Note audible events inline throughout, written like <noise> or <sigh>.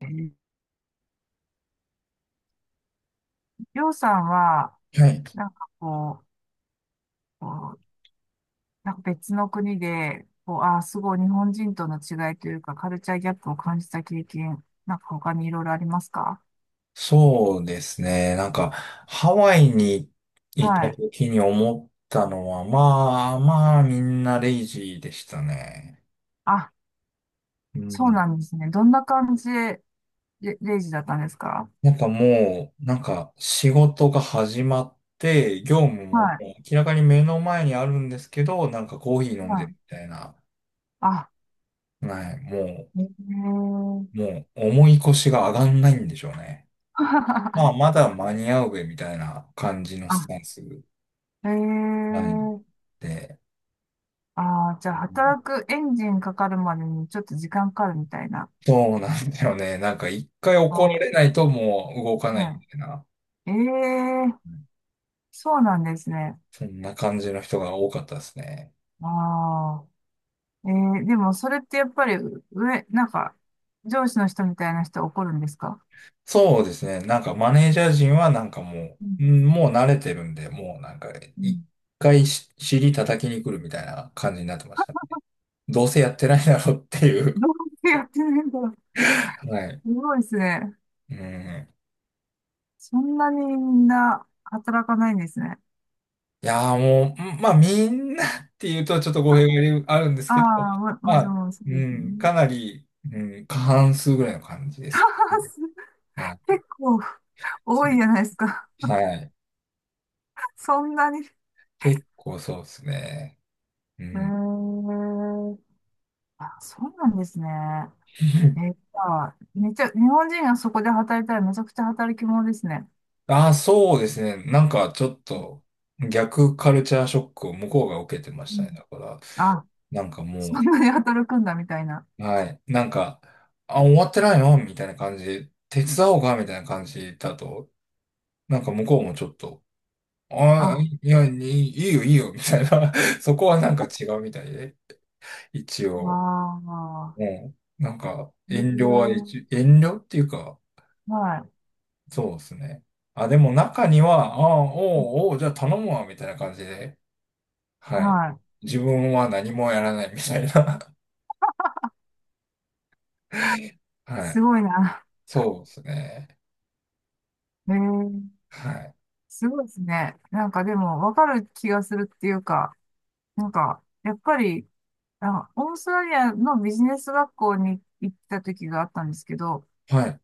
えーりょうさんは、はい。なんかこう、こうなんか別の国で、すごい日本人との違いというか、カルチャーギャップを感じた経験、なんか他にいろいろありますか？そうですね。なんか、ハワイに行はったい。時に思ったのは、まあまあみんなレイジーでしたね。あ、うそうん。なんですね。どんな感じで、レイジだったんですか？なんかもう、なんか仕事が始まって、業務もは明らかに目の前にあるんですけど、なんかコーヒーい。飲んではるい。みたいな。あ、はい。もえー う、もう重い腰が上がんないんでしょうね。まあ <laughs> まだ間に合うべみたいな感じのスあ、タンス。へえはい。ー。で、ああ、じゃあ、うん、働くエンジンかかるまでにちょっと時間かかるみたいな。そうなんだよね。なんか一回怒られあないともう動かあ、ないみはたいな、い。ええ、そうなんですね。そんな感じの人が多かったですね。ああ、でもそれってやっぱりなんか、上司の人みたいな人怒るんですか？そうですね。なんかマネージャー陣はなんかもうんう、うん、もう慣れてるんで、もうなんかう一ん。回し尻叩きに来るみたいな感じになってましたね。どうせやってないだろうっていう。どうやってやってるんだろう。<laughs> はい。すごいですね。うん。そんなにみんな働かないんですね。いやーもう、うん、まあみんなっていうとちょっと語弊があるんですあけど、あ、もまちあ、ろんそうでうすん、ね。かなり、うん、過半数ぐらいの感じで <laughs> あーすかね。すはい、結構多いじゃないですか。はい。<laughs> そんなに。へ結構そうですね。うえ。ん。あ、そうなんですね。じ <laughs> ゃあめっちゃ、日本人がそこで働いたらめちゃくちゃ働き者ですね。ああ、そうですね。なんかちょっと逆カルチャーショックを向こうが受けてまうしたん。ね。だから、あ、なんかそもんなに働くんだみたいな。う、はい、なんか、あ、終わってないのみたいな感じで、手伝おうかみたいな感じだと、なんか向こうもちょっと、ああ、あ、いや、いいよ、いいよ、みたいな。<laughs> そこはなんか違うみたいで、一わ応、あ、もう、なんか、へ遠慮は一、え、遠慮っていうか、はい、そうですね。あ、でも中には、ああ、おうおう、じゃあ頼むわ、みたいな感じで、はい。はい。自分は何もやらないみたいな。<laughs> はすい。ごいな。そうですね。へえ、はい。すごいですね。なんかでも、わかる気がするっていうか、なんか、やっぱり、あ、オーストラリアのビジネス学校に行った時があったんですけど、はい。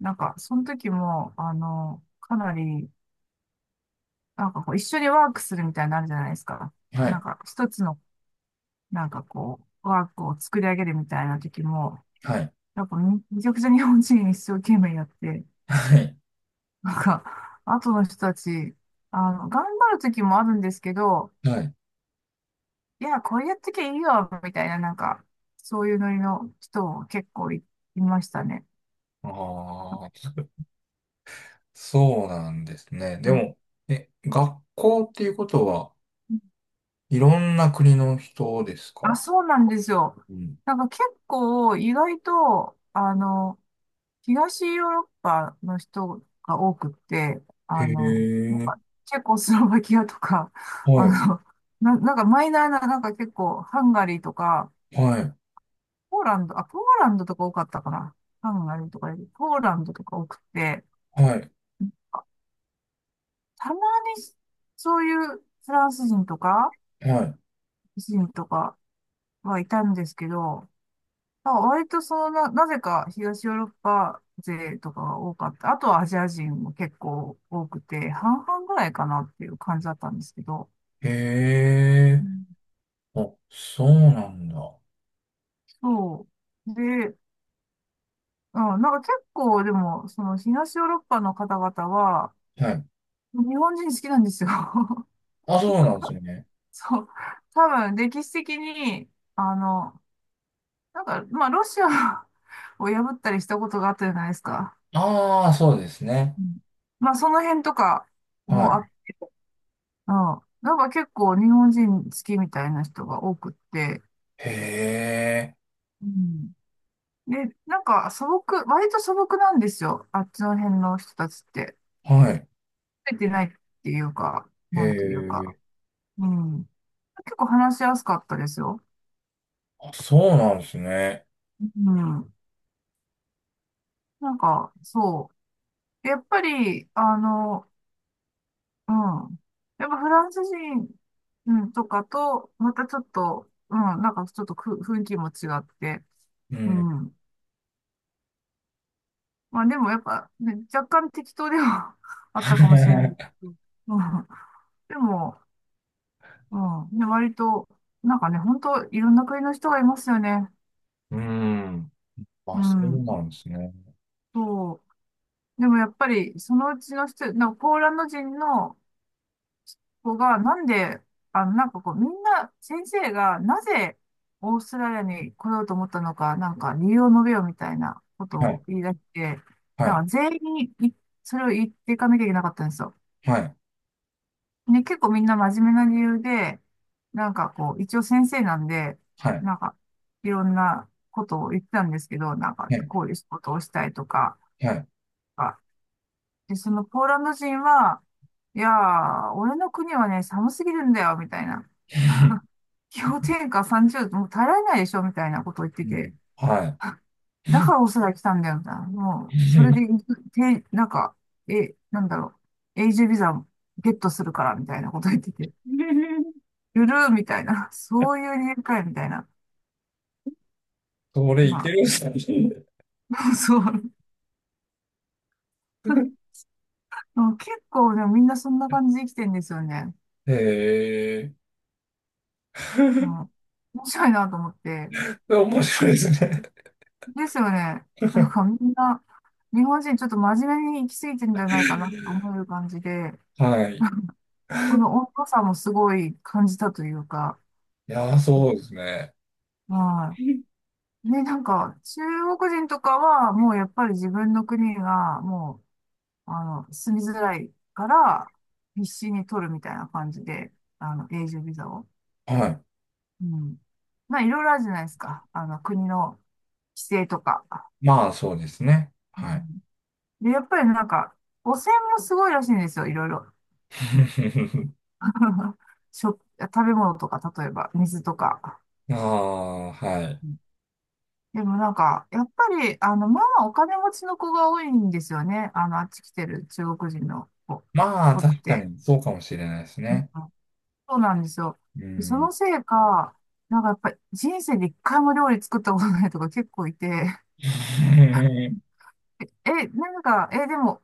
なんか、その時も、かなり、なんかこう、一緒にワークするみたいになのあるじゃないですか。はなんい。か、一つの、なんかこう、ワークを作り上げるみたいな時も、はい。なんかめちゃくちゃ日本人一生懸命やって、はい。なんか、後の人たち、頑張る時もあるんですけど、はい。いや、これやってきゃいいよ、みたいな、なんか、そういうノリの人も結構いましたね。ああ、そうなんですね。うでん。も、え、学校っていうことは、いろんな国の人ですあ、か？そうなんですよ。うん。なんか結構意外と、東ヨーロッパの人が多くって、へなんえ、かチェコスロバキアとか、はい。あの、なんかマイナーな、なんか結構ハンガリーとか、はい。ポーランドとか多かったかな。ハンガリーとかより、ポーランドとか多くて、はい。たまにそういうフランス人とか、はい。人とかはいたんですけど、まあ割となぜか東ヨーロッパ勢とかが多かった。あとはアジア人も結構多くて、半々ぐらいかなっていう感じだったんですけど、へうえ、ん。あ、そうなんだ。そう。で、うん、なんか結構でも、その東ヨーロッパの方々は、はい。日本人好きなんですよ。<laughs> あ、そうなんですよね。そう。多分、歴史的に、あの、なんか、まあ、ロシアを <laughs> を破ったりしたことがあったじゃないですか。ああ、そうですね。うん。まあ、その辺とかはもあ、い。うん。なんか結構日本人好きみたいな人が多くって。へえ。うん。で、なんか素朴、割と素朴なんですよ。あっちの辺の人たちって。はい。増えてないっていうか、へなんというか。え。うん。結構話しやすかったですよ。あ、そうなんですね。うん。なんか、そう。やっぱり、うん。やっぱフランス人、うん、とかと、またちょっと、うん、なんかちょっと雰囲気も違って、ううん。ん。まあでもやっぱ、ね、若干適当では <laughs> あったかもしれないけ <laughs> ど、うん。でも、うん。ね、割と、なんかね、本当いろんな国の人がいますよね。うん。うあ、そうなん。んですね。そう。でもやっぱり、そのうちの人、なんかポーランド人の、子が、なんで、なんかこう、みんな、先生が、なぜ、オーストラリアに来ようと思ったのか、なんか、理由を述べようみたいなことはをい。言い出して、はなんい。か、全員にそれを言っていかなきゃいけなかったんですよ。はい。ね、結構みんな真面目な理由で、なんかこう、一応先生なんで、はい。なんか、いろんなことを言ってたんですけど、なんか、こはういう仕事をしたいとか、い。はい。あで、そのポーランド人は、いやー、俺の国はね、寒すぎるんだよ、みたいな。<laughs> <laughs> 氷点下30度、もう耐えられないでしょみたいなことを言ってうて。ん。は <laughs> だからオーストラリア来たんだよ、みたいな。い。もう、それ <laughs> で、なんか、なんだろう。永住ビザをゲットするから、みたいなこと言ってて。ゆるーみたいな。そういう理由かい、みたいな。それいけまるんすね。あ、<laughs> そう。<laughs> うん。結構ね、みんなそんな感じで生きてんですよね。<laughs> へえ。うん。面白いなと思って。面白いですね。ですよね。なんかみんな、日本人ちょっと真面目に生きすぎてんじゃないかなと思う感じで。<laughs> はい。いこの温度差もすごい感じたというか、やー、そうですね。はい。で、なんか、中国人とかは、もうやっぱり自分の国が、もう、住みづらいから、必死に取るみたいな感じで、永住ビザを。はい。うん。まあ、いろいろあるじゃないですか。国の規制とか。まあ、そうですね。はうい。ん。で、やっぱりなんか、汚染もすごいらしいんですよ、いろいろ。<laughs> <laughs> 食べ物とか、例えば、水とか。ああ、はい。でもなんか、やっぱり、まあお金持ちの子が多いんですよね。あっち来てる中国人のまあ、子っ確かて。にそうかもしれないですうん。ね。そうなんですよ。うでそん。のせいか、なんかやっぱり人生で一回も料理作ったことないとか結構いて、<laughs> <laughs> なんか、でも、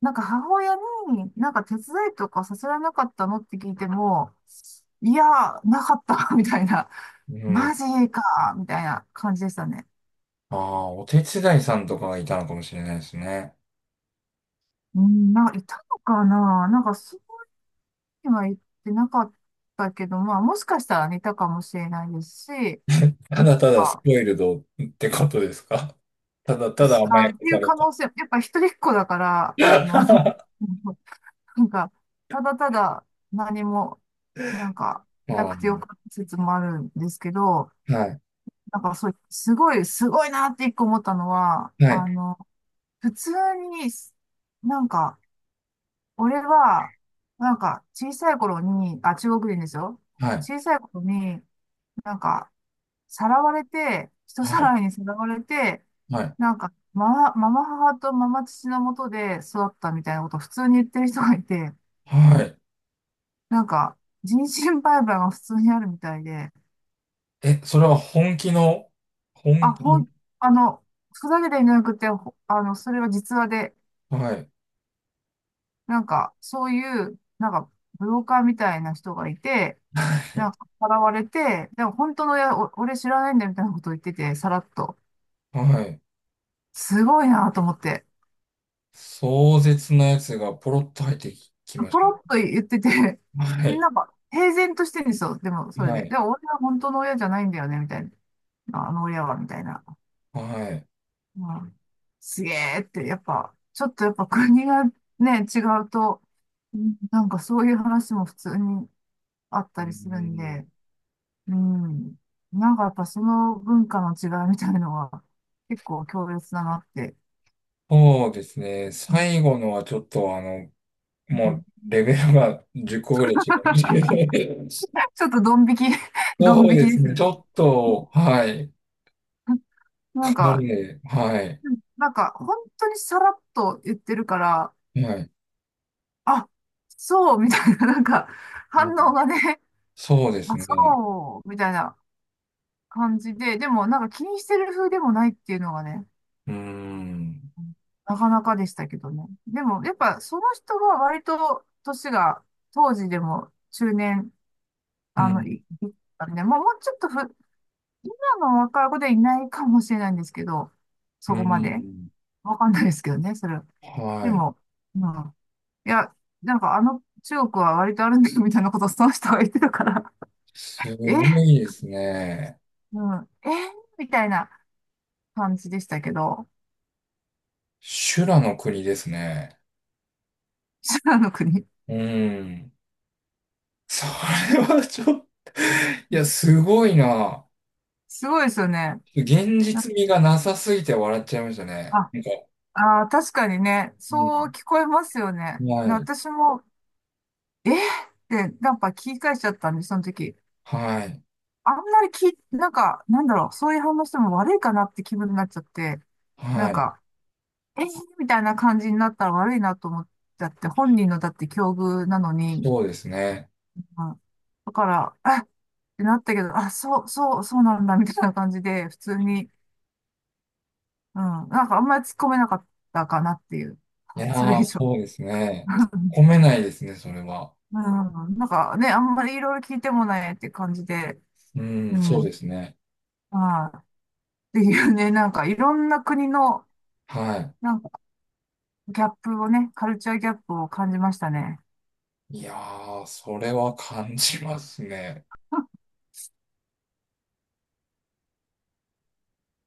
なんか母親になんか手伝いとかさせられなかったのって聞いても、いや、なかった、<laughs> みたいな。うマん。ジか、みたいな感じでしたね。ああ、お手伝いさんとかがいたのかもしれないですね。うん、なんかいたのかな。なんかそには言ってなかったけど、まあ、もしかしたら似たかもしれないですし、<laughs> ただただスまポイルドってことですか？ <laughs> ただあ、ただ甘あやっかていさうれ可た。能性、やっぱ一人っ子だから、<laughs> <laughs> なんか、ただただ何も、なんか、なあくてよあ、かった説もあるんですけど、はい、なんかそう、すごい、すごいなって一個思ったのは、はい、普通に、なんか、俺は、なんか、小さい頃に、あ、中国人ですよ。はい、小さい頃に、なんか、さらわれて、人はさい、らいにさらわれて、はい、なんか、ママ母とママ父のもとで育ったみたいなことを普通に言ってる人がいて、はい。なんか、人身売買が普通にあるみたいで、え、それは本気の、あ、本ほん、気、あの、ふざけていなくて、ほあの、それは実話で、はい、なんか、そういう、なんか、ブローカーみたいな人がいて、なんか、さらわれて、でも本当の親、俺知らないんだみたいなことを言ってて、さらっと。はい。すごいなと思って。壮絶なやつがポロッと入ってきましポたね。ロッと言ってて、<laughs> はで、い、なんか、平然としてるんですよ。でも、それはで。でい、も、俺は本当の親じゃないんだよね、みたいな。あの親は、みたいな。はい。うん。すげえって、やっぱ、ちょっとやっぱ国がね、違うと、うん、なんかそういう話も普通にあっうたりするんん、で、うん。なんかやっぱその文化の違いみたいのは、結構強烈だなって。そうですね。うん最後のはちょっとあの、うもん。 うレベルが10個ぐらい違う。<laughs> <laughs> ちょっとドン引き、<laughs> ドンそう引できですすね。ちね。ょっと、はい。なんかなか、りね、はい。うん、なんか、本当にさらっと言ってるから、はい。あ、そうみたいな、なんか、う反ん、応がね、そうですあ、ね。そうみたいな感じで、でも、なんか気にしてる風でもないっていうのがね、うーん。なかなかでしたけどね。でも、やっぱ、その人が割と、年が、当時でも中年、うん。いったんで、もうちょっと今の若い子でいないかもしれないんですけど、そうこまで。ん。わかんないですけどね、それは。ではい。も、うん。いや、なんかあの中国は割とあるんだよみたいなことをその人が言ってたから、す <laughs> ごえ、いですね。うん、えみたいな感じでしたけど、修羅の国ですね。<laughs> 修羅の国。うん。それはちょっと、いや、すごいな。すごいですよね。現な実味がなさすぎて笑っちゃいましたね。あ、なんか、あー、確かにね、うそうん。聞こえますよね。はい、私も、えってなんか聞き返しちゃったんで、その時。はい、あんまりなんか、なんだろう、そういう反応しても悪いかなって気分になっちゃって、なんはい、か、えみたいな感じになったら悪いなと思っちゃって、本人のだって境遇なのに、そうですね。うん。だから、あってなったけど、あ、そう、そう、そうなんだ、みたいな感じで、普通に、うん、なんかあんまり突っ込めなかったかなっていう、い <laughs> やそれ以ー、上。そうですね。突 <laughs> っ込めないですね、それは。うん、なんかね、あんまりいろいろ聞いてもないって感じで、うん、うそうん、ですね。ああ、っていうね、なんかいろんな国の、はなんかギャップをね、カルチャーギャップを感じましたね。い。いやー、それは感じますね。